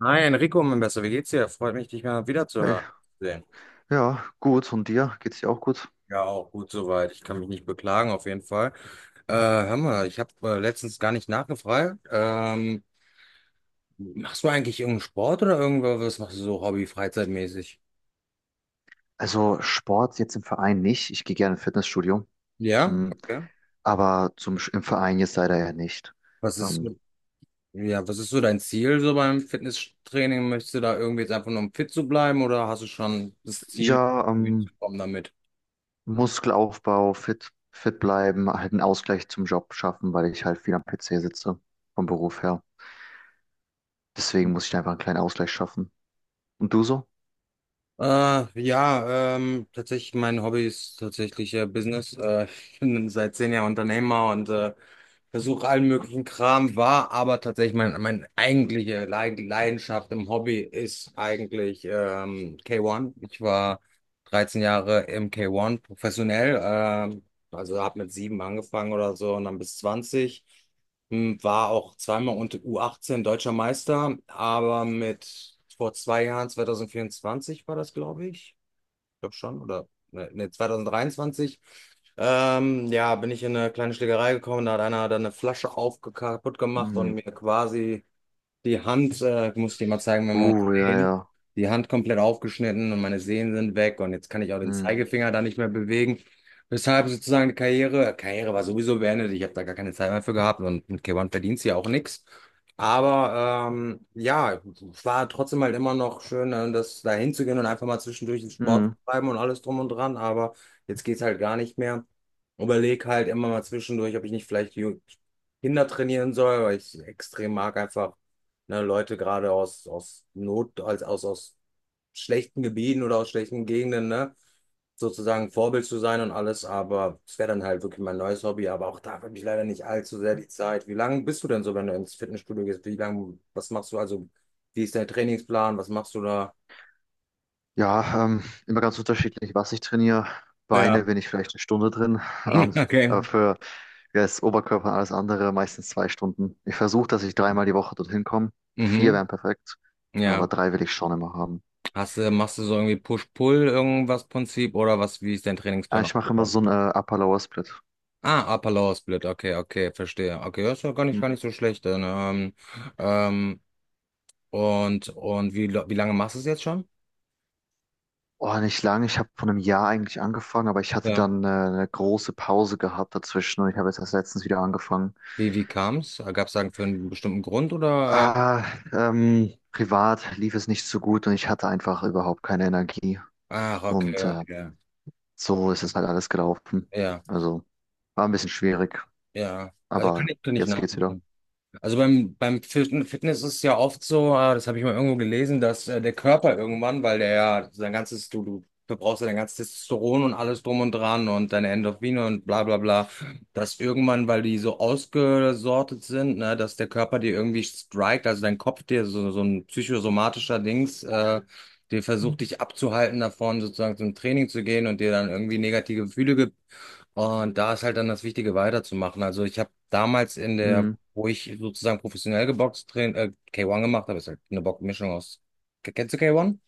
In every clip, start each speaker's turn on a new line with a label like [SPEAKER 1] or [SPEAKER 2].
[SPEAKER 1] Hi Enrico, mein Bester, wie geht's dir? Freut mich, dich mal wieder zu
[SPEAKER 2] Hey,
[SPEAKER 1] hören. Sehen.
[SPEAKER 2] ja, gut. Und dir? Geht's dir auch gut?
[SPEAKER 1] Ja, auch gut soweit. Ich kann mich nicht beklagen, auf jeden Fall. Hör mal, ich habe letztens gar nicht nachgefragt. Machst du eigentlich irgendeinen Sport oder irgendwas? Was machst du so hobby-freizeitmäßig?
[SPEAKER 2] Also Sport jetzt im Verein nicht. Ich gehe gerne ins Fitnessstudio.
[SPEAKER 1] Ja,
[SPEAKER 2] Mm,
[SPEAKER 1] okay.
[SPEAKER 2] Aber im Verein jetzt leider ja nicht.
[SPEAKER 1] Was ist,
[SPEAKER 2] Ähm,
[SPEAKER 1] ja, was ist so dein Ziel so beim Fitnesstraining? Möchtest du da irgendwie jetzt einfach nur um fit zu bleiben oder hast du schon das Ziel,
[SPEAKER 2] ja,
[SPEAKER 1] irgendwie zu kommen damit?
[SPEAKER 2] Muskelaufbau, fit, fit bleiben, halt einen Ausgleich zum Job schaffen, weil ich halt viel am PC sitze vom Beruf her. Deswegen muss ich einfach einen kleinen Ausgleich schaffen. Und du so?
[SPEAKER 1] Ja, tatsächlich mein Hobby ist tatsächlich Business. Ich bin seit zehn Jahren Unternehmer und versuche allen möglichen Kram, war aber tatsächlich meine eigentliche Leidenschaft im Hobby ist eigentlich K1. Ich war 13 Jahre im K1 professionell, also habe mit sieben angefangen oder so und dann bis 20. War auch zweimal unter U18 deutscher Meister, aber mit vor zwei Jahren, 2024 war das, glaube ich glaube schon, oder ne, ne, 2023. Ja, bin ich in eine kleine Schlägerei gekommen, da hat einer dann eine Flasche kaputt gemacht
[SPEAKER 2] Mm.
[SPEAKER 1] und mir quasi die Hand, muss ich dir mal zeigen, wenn wir uns
[SPEAKER 2] Ja, ja.
[SPEAKER 1] sehen. Die Hand komplett aufgeschnitten, und meine Sehnen sind weg und jetzt kann ich auch den
[SPEAKER 2] Mm.
[SPEAKER 1] Zeigefinger da nicht mehr bewegen. Weshalb sozusagen Karriere war sowieso beendet. Ich habe da gar keine Zeit mehr für gehabt, und mit K1 verdienst du ja auch nichts. Aber ja, es war trotzdem halt immer noch schön, das da hinzugehen und einfach mal zwischendurch den Sport zu
[SPEAKER 2] Mm.
[SPEAKER 1] treiben und alles drum und dran. Aber jetzt geht's halt gar nicht mehr. Überleg halt immer mal zwischendurch, ob ich nicht vielleicht Kinder trainieren soll, weil ich extrem mag einfach ne, Leute gerade aus Not, aus schlechten Gebieten oder aus schlechten Gegenden, ne, sozusagen Vorbild zu sein und alles, aber es wäre dann halt wirklich mein neues Hobby, aber auch da habe ich leider nicht allzu sehr die Zeit. Wie lange bist du denn so, wenn du ins Fitnessstudio gehst? Wie lange, was machst du? Also, wie ist dein Trainingsplan? Was machst du da?
[SPEAKER 2] Ja, immer ganz unterschiedlich, was ich trainiere.
[SPEAKER 1] Ja.
[SPEAKER 2] Beine bin ich vielleicht eine Stunde drin,
[SPEAKER 1] Okay.
[SPEAKER 2] aber für ja, das Oberkörper und alles andere meistens zwei Stunden. Ich versuche, dass ich
[SPEAKER 1] Okay.
[SPEAKER 2] dreimal die Woche dorthin komme. Vier
[SPEAKER 1] Mhm.
[SPEAKER 2] wären perfekt, aber
[SPEAKER 1] Ja.
[SPEAKER 2] drei will ich schon immer haben.
[SPEAKER 1] Hast du, machst du so irgendwie Push-Pull irgendwas Prinzip oder was, wie ist dein
[SPEAKER 2] Ah,
[SPEAKER 1] Trainingsplan
[SPEAKER 2] ich mache immer
[SPEAKER 1] aufgebaut?
[SPEAKER 2] so einen Upper-Lower-Split.
[SPEAKER 1] Ah, Upper Lower Split, okay, okay, verstehe. Okay, das ist ja
[SPEAKER 2] Hm.
[SPEAKER 1] gar nicht so schlecht. Dann, ähm, und wie, wie lange machst du es jetzt schon?
[SPEAKER 2] Oh, nicht lang. Ich habe vor einem Jahr eigentlich angefangen, aber ich hatte
[SPEAKER 1] Ja.
[SPEAKER 2] dann eine große Pause gehabt dazwischen und ich habe jetzt erst letztens wieder angefangen.
[SPEAKER 1] Wie kam es? Gab es sagen für einen bestimmten Grund oder?
[SPEAKER 2] Ah, privat lief es nicht so gut und ich hatte einfach überhaupt keine Energie.
[SPEAKER 1] Ach,
[SPEAKER 2] Und
[SPEAKER 1] okay,
[SPEAKER 2] äh,
[SPEAKER 1] okay.
[SPEAKER 2] So ist es halt alles gelaufen.
[SPEAKER 1] Ja,
[SPEAKER 2] Also war ein bisschen schwierig,
[SPEAKER 1] ja. Also
[SPEAKER 2] aber
[SPEAKER 1] kann ich
[SPEAKER 2] jetzt geht's wieder.
[SPEAKER 1] nachvollziehen. Also beim Fitness ist es ja oft so, das habe ich mal irgendwo gelesen, dass der Körper irgendwann, weil der ja sein ganzes, du verbrauchst ja dein ganzes Testosteron und alles drum und dran und deine Endorphine und bla bla bla, dass irgendwann, weil die so ausgesortet sind, ne, dass der Körper dir irgendwie strikt, also dein Kopf dir so ein psychosomatischer Dings, der versucht dich abzuhalten davon, sozusagen zum Training zu gehen und dir dann irgendwie negative Gefühle, und da ist halt dann das Wichtige weiterzumachen. Also ich habe damals in der,
[SPEAKER 2] Hm,
[SPEAKER 1] wo ich sozusagen professionell geboxt, K1 gemacht habe, ist halt eine Mischung aus, kennst du K1?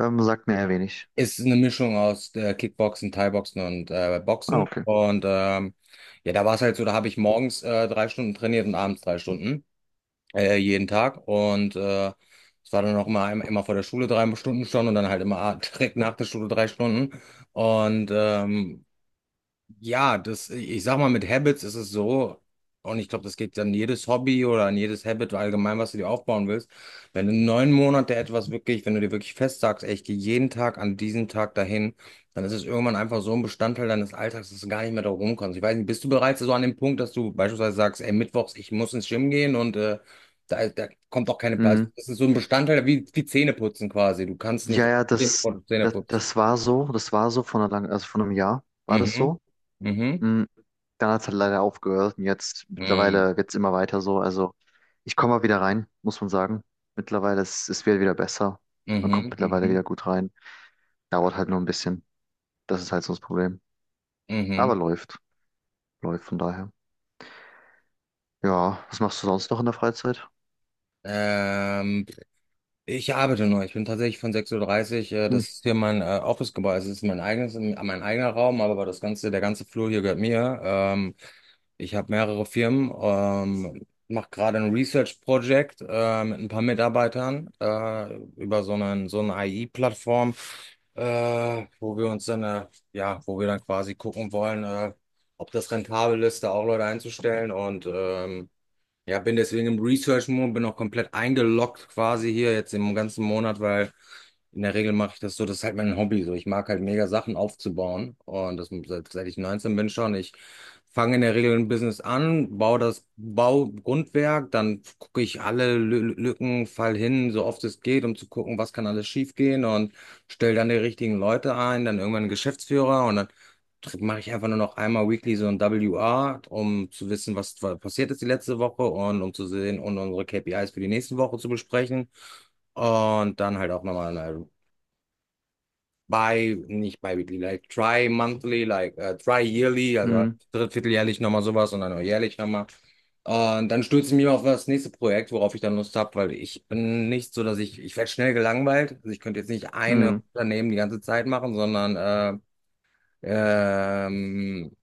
[SPEAKER 2] sagt mir eher wenig.
[SPEAKER 1] Ist eine Mischung aus Kickboxen, Thai-Boxen und
[SPEAKER 2] Ah,
[SPEAKER 1] Boxen.
[SPEAKER 2] okay.
[SPEAKER 1] Und ja, da war es halt so, da habe ich morgens drei Stunden trainiert und abends drei Stunden, jeden Tag. Und es war dann auch immer vor der Schule drei Stunden schon und dann halt immer direkt nach der Schule drei Stunden. Und ja, das, ich sag mal, mit Habits ist es so, und ich glaube, das geht an jedes Hobby oder an jedes Habit allgemein, was du dir aufbauen willst. Wenn du neun Monate wenn du dir wirklich fest sagst, ey, ich gehe jeden Tag an diesen Tag dahin, dann ist es irgendwann einfach so ein Bestandteil deines Alltags, dass du gar nicht mehr darum kommst. Ich weiß nicht, bist du bereits so an dem Punkt, dass du beispielsweise sagst, ey, mittwochs, ich muss ins Gym gehen und da kommt auch keine Platz.
[SPEAKER 2] Hm,
[SPEAKER 1] Das ist so ein Bestandteil wie Zähneputzen quasi. Du kannst nicht
[SPEAKER 2] ja, ja,
[SPEAKER 1] aufstehen,
[SPEAKER 2] das,
[SPEAKER 1] bevor du Zähne
[SPEAKER 2] das,
[SPEAKER 1] putzt.
[SPEAKER 2] das war so. Das war so von einer langen, also von einem Jahr war das
[SPEAKER 1] Mhm.
[SPEAKER 2] so.
[SPEAKER 1] Mhm.
[SPEAKER 2] Hm, Dann hat es halt leider aufgehört und jetzt
[SPEAKER 1] Mhm.
[SPEAKER 2] mittlerweile wird's immer weiter so. Also ich komme mal wieder rein, muss man sagen. Mittlerweile ist es wird wieder besser. Man kommt
[SPEAKER 1] Mhm,
[SPEAKER 2] mittlerweile wieder
[SPEAKER 1] mhm,
[SPEAKER 2] gut rein. Dauert halt nur ein bisschen. Das ist halt so das Problem. Aber
[SPEAKER 1] mhm.
[SPEAKER 2] läuft. Läuft von daher. Ja, was machst du sonst noch in der Freizeit?
[SPEAKER 1] Ähm, Ich arbeite nur. Ich bin tatsächlich von sechs Uhr dreißig.
[SPEAKER 2] Hm,
[SPEAKER 1] Das ist hier mein Office-Gebäude. Es ist mein eigenes, mein eigener Raum, aber der ganze Flur hier gehört mir. Ich habe mehrere Firmen, mache gerade ein Research-Projekt mit ein paar Mitarbeitern über so eine AI-Plattform, wo wir uns dann, ja, wo wir dann quasi gucken wollen, ob das rentabel ist, da auch Leute einzustellen, und ja, bin deswegen im Research-Mode, bin auch komplett eingeloggt quasi hier jetzt im ganzen Monat, weil in der Regel mache ich das so, das ist halt mein Hobby so. Ich mag halt mega Sachen aufzubauen, und das seit ich 19 bin schon. Ich fange in der Regel ein Business an, baue das Baugrundwerk, dann gucke ich alle Lü Lücken, fall hin, so oft es geht, um zu gucken, was kann alles schief gehen, und stelle dann die richtigen Leute ein, dann irgendwann einen Geschäftsführer, und dann mache ich einfach nur noch einmal weekly so ein WR, um zu wissen, was passiert ist die letzte Woche, und um zu sehen und unsere KPIs für die nächste Woche zu besprechen. Und dann halt auch nochmal eine nicht bi-weekly, like tri-monthly, like tri-yearly, also
[SPEAKER 2] hm,
[SPEAKER 1] drittvierteljährlich nochmal sowas und dann auch jährlich nochmal. Und dann stürze ich mich auf das nächste Projekt, worauf ich dann Lust habe, weil ich bin nicht so, ich werde schnell gelangweilt. Also ich könnte jetzt nicht eine
[SPEAKER 2] hm.
[SPEAKER 1] Unternehmen die ganze Zeit machen, sondern ähm,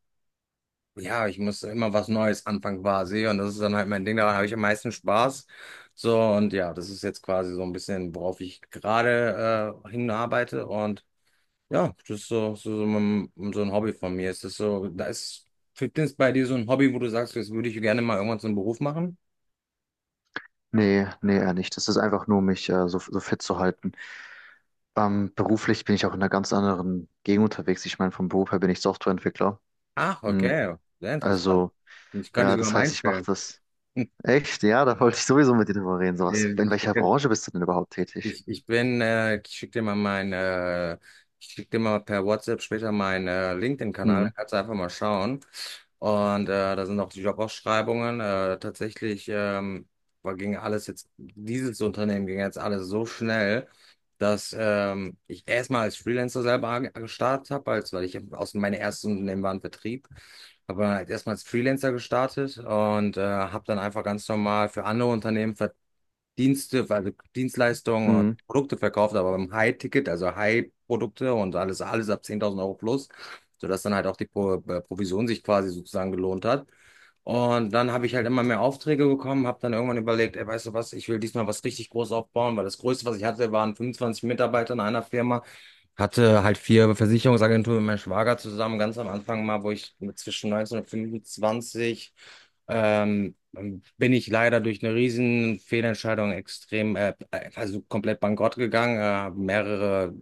[SPEAKER 1] ja, ich muss immer was Neues anfangen quasi, und das ist dann halt mein Ding, daran habe ich am meisten Spaß. So, und ja, das ist jetzt quasi so ein bisschen, worauf ich gerade hinarbeite, und ja, das ist so ein Hobby von mir. Ist das so, da ist Fitness bei dir so ein Hobby, wo du sagst, das würde ich gerne mal irgendwann zum Beruf machen?
[SPEAKER 2] Nee, nee, eher nicht. Das ist einfach nur, mich so, so fit zu halten. Beruflich bin ich auch in einer ganz anderen Gegend unterwegs. Ich meine, vom Beruf her bin ich Softwareentwickler.
[SPEAKER 1] Ach,
[SPEAKER 2] Hm,
[SPEAKER 1] okay, sehr interessant.
[SPEAKER 2] also,
[SPEAKER 1] Ich kann dich
[SPEAKER 2] ja,
[SPEAKER 1] sogar
[SPEAKER 2] das
[SPEAKER 1] mal
[SPEAKER 2] heißt, ich mache
[SPEAKER 1] einstellen.
[SPEAKER 2] das. Echt? Ja, da wollte ich sowieso mit dir drüber reden. So was. In
[SPEAKER 1] Ich
[SPEAKER 2] welcher Branche bist du denn überhaupt tätig?
[SPEAKER 1] ich bin, ich schicke dir mal per WhatsApp später meinen LinkedIn-Kanal,
[SPEAKER 2] Hm,
[SPEAKER 1] da kannst du einfach mal schauen. Und da sind auch die Jobausschreibungen. Tatsächlich ging alles jetzt, dieses Unternehmen ging jetzt alles so schnell, dass ich erstmal als Freelancer selber gestartet habe, als weil ich aus meinem ersten Unternehmen war ein Vertrieb. Habe halt erstmal als Freelancer gestartet und habe dann einfach ganz normal für andere Unternehmen Dienste, also Dienstleistungen und
[SPEAKER 2] hm,
[SPEAKER 1] Produkte verkauft, aber beim High-Ticket, also High-Produkte und alles ab 10.000 € plus, sodass dann halt auch die Provision sich quasi sozusagen gelohnt hat. Und dann habe ich halt immer mehr Aufträge bekommen, habe dann irgendwann überlegt, ey, weißt du was, ich will diesmal was richtig groß aufbauen, weil das Größte, was ich hatte, waren 25 Mitarbeiter in einer Firma. Hatte halt vier Versicherungsagenturen mit meinem Schwager zusammen, ganz am Anfang mal, wo ich mit zwischen 19 und 25 ähm, bin ich leider durch eine riesen Fehlentscheidung extrem, also komplett bankrott gegangen, äh, mehrere,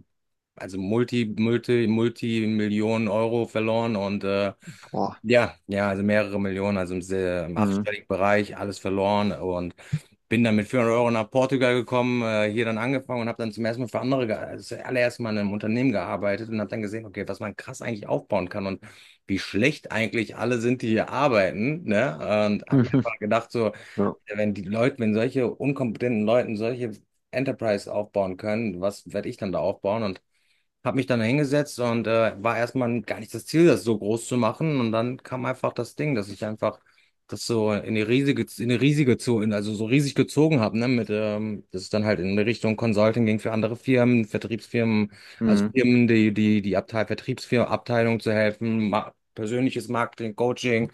[SPEAKER 1] also Multi-Millionen Euro verloren und
[SPEAKER 2] boah,
[SPEAKER 1] ja, ja, also mehrere Millionen, also im
[SPEAKER 2] hm.
[SPEAKER 1] achtstelligen Bereich, alles verloren, und bin dann mit 400 € nach Portugal gekommen, hier dann angefangen und habe dann zum ersten Mal für andere, also das allererste Mal in einem Unternehmen gearbeitet und habe dann gesehen, okay, was man krass eigentlich aufbauen kann, und wie schlecht eigentlich alle sind, die hier arbeiten, ne? Und habe mir einfach gedacht, so,
[SPEAKER 2] Ja.
[SPEAKER 1] ja, wenn die Leute, wenn solche unkompetenten Leuten solche Enterprise aufbauen können, was werde ich dann da aufbauen? Und hab mich dann hingesetzt und war erstmal gar nicht das Ziel, das so groß zu machen. Und dann kam einfach das Ding, dass ich einfach das so in die riesige, also so riesig gezogen habe, ne, dass es dann halt in Richtung Consulting ging für andere Firmen, Vertriebsfirmen, also
[SPEAKER 2] Hm,
[SPEAKER 1] Firmen, die Abteil, Vertriebsfirmen, Abteilung zu helfen, ma persönliches Marketing, Coaching,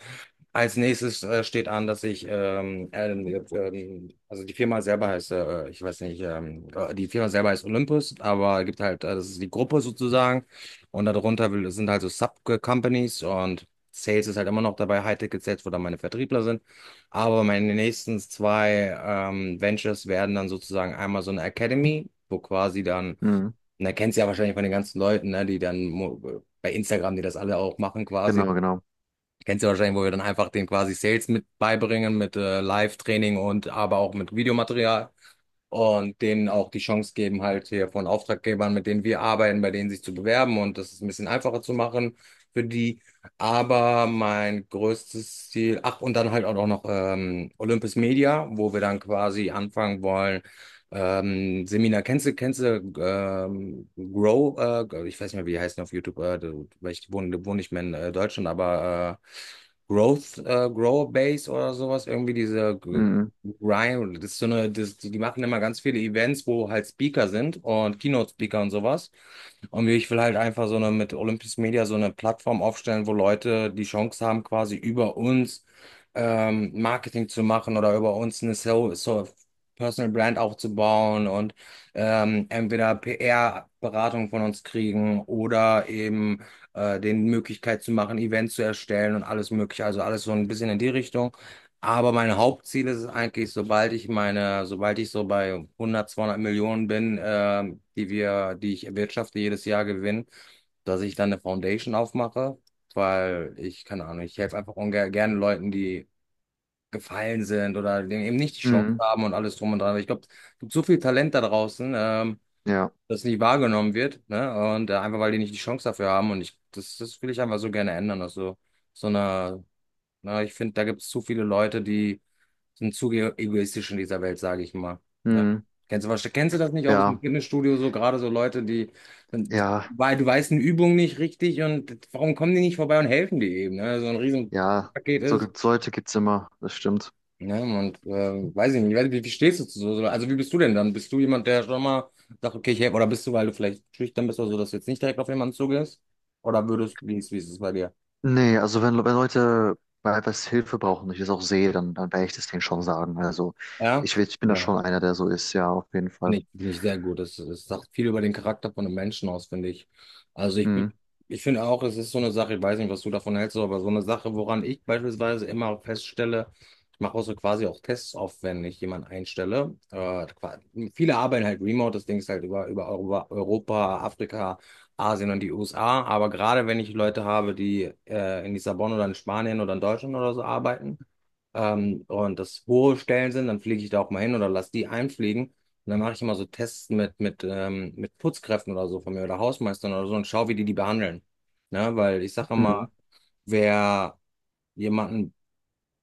[SPEAKER 1] als nächstes steht an, dass ich, also die Firma selber heißt, ich weiß nicht, die Firma selber heißt Olympus, aber gibt halt, das ist die Gruppe sozusagen und darunter will, sind halt so Sub-Companies, und Sales ist halt immer noch dabei, High-Ticket Sales, wo dann meine Vertriebler sind, aber meine nächsten zwei Ventures werden dann sozusagen einmal so eine Academy, wo quasi dann,
[SPEAKER 2] hm.
[SPEAKER 1] und da kennst du ja wahrscheinlich von den ganzen Leuten, ne, die dann mo- bei Instagram, die das alle auch machen quasi,
[SPEAKER 2] Genau, genau.
[SPEAKER 1] kennst du ja wahrscheinlich, wo wir dann einfach den quasi Sales mit beibringen, mit Live-Training und aber auch mit Videomaterial und denen auch die Chance geben, halt hier von Auftraggebern, mit denen wir arbeiten, bei denen sich zu bewerben, und das ist ein bisschen einfacher zu machen für die. Aber mein größtes Ziel, ach, und dann halt auch noch Olympus Media, wo wir dann quasi anfangen wollen. Seminar, kennst du Grow, ich weiß nicht mehr, wie die heißen auf YouTube, weil wohne nicht mehr in Deutschland, aber Growth, Grow Base oder sowas, irgendwie diese
[SPEAKER 2] Hm,
[SPEAKER 1] Ryan, das ist so eine, das, die machen immer ganz viele Events, wo halt Speaker sind und Keynote-Speaker und sowas. Und ich will halt einfach so eine, mit Olympus Media so eine Plattform aufstellen, wo Leute die Chance haben, quasi über uns Marketing zu machen oder über uns eine so, so Personal Brand aufzubauen und entweder PR-Beratung von uns kriegen oder eben den Möglichkeit zu machen, Events zu erstellen und alles Mögliche. Also alles so ein bisschen in die Richtung. Aber mein Hauptziel ist es eigentlich, sobald ich so bei 100, 200 Millionen bin, die wir, die ich erwirtschafte jedes Jahr gewinne, dass ich dann eine Foundation aufmache, weil ich, keine Ahnung, ich helfe einfach ungern, gerne Leuten die gefallen sind oder denen eben nicht die Chance
[SPEAKER 2] hm.
[SPEAKER 1] haben und alles drum und dran. Ich glaube, es gibt so viel Talent da draußen,
[SPEAKER 2] Ja,
[SPEAKER 1] das nicht wahrgenommen wird, ne? Und einfach, weil die nicht die Chance dafür haben, und das will ich einfach so gerne ändern, dass so, so eine. Ne? Ich finde, da gibt es zu viele Leute, die sind zu ge- egoistisch in dieser Welt, sage ich mal. Ne?
[SPEAKER 2] hm.
[SPEAKER 1] Kennst du, kennst du das nicht auch aus dem
[SPEAKER 2] Ja,
[SPEAKER 1] Fitnessstudio, so gerade so Leute, die,
[SPEAKER 2] ja,
[SPEAKER 1] weil du weißt eine Übung nicht richtig, und warum kommen die nicht vorbei und helfen dir eben, ne? So ein riesen
[SPEAKER 2] ja.
[SPEAKER 1] Paket
[SPEAKER 2] So
[SPEAKER 1] ist.
[SPEAKER 2] gibt's Leute, gibt's immer. Das stimmt.
[SPEAKER 1] Ne? Und weiß ich nicht, ich weiß nicht, wie stehst du zu so? Also wie bist du denn dann? Bist du jemand, der schon mal sagt, okay, ich helfe, oder bist du, weil du vielleicht schüchtern bist oder so, dass du jetzt nicht direkt auf jemanden zugehst? Oder würdest, wie ist es bei dir?
[SPEAKER 2] Nee, also wenn Leute bei etwas Hilfe brauchen und ich das auch sehe, dann, dann werde ich das denen schon sagen. Also
[SPEAKER 1] Ja?
[SPEAKER 2] ich bin da schon einer, der so ist, ja, auf jeden Fall.
[SPEAKER 1] Finde ich sehr gut. Das, das sagt viel über den Charakter von einem Menschen aus, finde ich. Also
[SPEAKER 2] Mhm.
[SPEAKER 1] ich finde auch, es ist so eine Sache, ich weiß nicht, was du davon hältst, aber so eine Sache, woran ich beispielsweise immer feststelle, ich mache auch so quasi auch Tests auf, wenn ich jemanden einstelle. Qua- viele arbeiten halt remote, das Ding ist halt über, Europa, Afrika, Asien und die USA. Aber gerade wenn ich Leute habe, die in Lissabon oder in Spanien oder in Deutschland oder so arbeiten, und das hohe Stellen sind, dann fliege ich da auch mal hin oder lass die einfliegen. Und dann mache ich immer so Tests mit Putzkräften oder so von mir oder Hausmeistern oder so und schaue, wie die die behandeln. Ne? Weil ich sage immer,
[SPEAKER 2] Mhm.
[SPEAKER 1] wer jemanden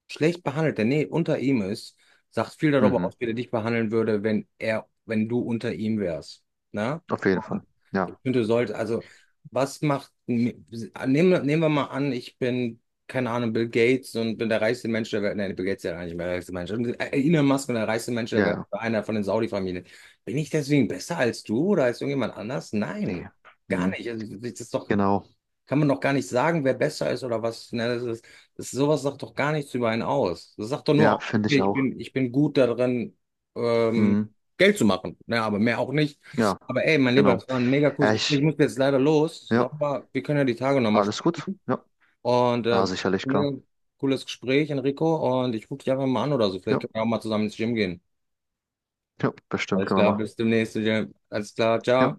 [SPEAKER 1] schlecht behandelt, der nee, unter ihm ist, sagt viel darüber
[SPEAKER 2] Mhm.
[SPEAKER 1] aus, wie er dich behandeln würde, wenn er, wenn du unter ihm wärst. Na?
[SPEAKER 2] Auf jeden
[SPEAKER 1] Und
[SPEAKER 2] Fall.
[SPEAKER 1] ich
[SPEAKER 2] Ja,
[SPEAKER 1] finde, du solltest, also, was macht, nehmen, nehmen wir mal an, ich bin, keine Ahnung, Bill Gates und bin der reichste Mensch der Welt. Nein, Bill Gates ist ja gar nicht mehr der reichste Mensch. Und, Elon Musk und der reichste Mensch der
[SPEAKER 2] ja,
[SPEAKER 1] Welt,
[SPEAKER 2] ja.
[SPEAKER 1] einer von den Saudi-Familien. Bin ich deswegen besser als du oder als irgendjemand anders? Nein,
[SPEAKER 2] Nee.
[SPEAKER 1] gar
[SPEAKER 2] Mhm.
[SPEAKER 1] nicht. Also, das ist doch,
[SPEAKER 2] Genau.
[SPEAKER 1] kann man noch gar nicht sagen, wer besser ist oder was. Ne? Das ist, das, sowas sagt doch gar nichts über einen aus. Das sagt doch nur
[SPEAKER 2] Ja,
[SPEAKER 1] aus,
[SPEAKER 2] finde
[SPEAKER 1] okay,
[SPEAKER 2] ich auch.
[SPEAKER 1] ich bin gut darin, ähm,
[SPEAKER 2] Mhm.
[SPEAKER 1] Geld zu machen. Ne? Aber mehr auch nicht.
[SPEAKER 2] Ja,
[SPEAKER 1] Aber ey, mein Lieber,
[SPEAKER 2] genau.
[SPEAKER 1] das war ein mega cooles
[SPEAKER 2] Ja,
[SPEAKER 1] Gespräch.
[SPEAKER 2] ich,
[SPEAKER 1] Ich muss jetzt leider los. So,
[SPEAKER 2] ja,
[SPEAKER 1] aber wir können ja die Tage nochmal
[SPEAKER 2] alles
[SPEAKER 1] sprechen.
[SPEAKER 2] gut. Ja,
[SPEAKER 1] Und
[SPEAKER 2] ja, sicherlich,
[SPEAKER 1] mega
[SPEAKER 2] klar.
[SPEAKER 1] cooles Gespräch, Enrico. Und ich gucke dich einfach mal an oder so. Vielleicht
[SPEAKER 2] Ja,
[SPEAKER 1] können wir auch mal zusammen ins Gym gehen.
[SPEAKER 2] ja, bestimmt
[SPEAKER 1] Alles
[SPEAKER 2] können wir
[SPEAKER 1] klar,
[SPEAKER 2] machen.
[SPEAKER 1] bis demnächst. Jim. Alles klar,
[SPEAKER 2] Ja.
[SPEAKER 1] ciao.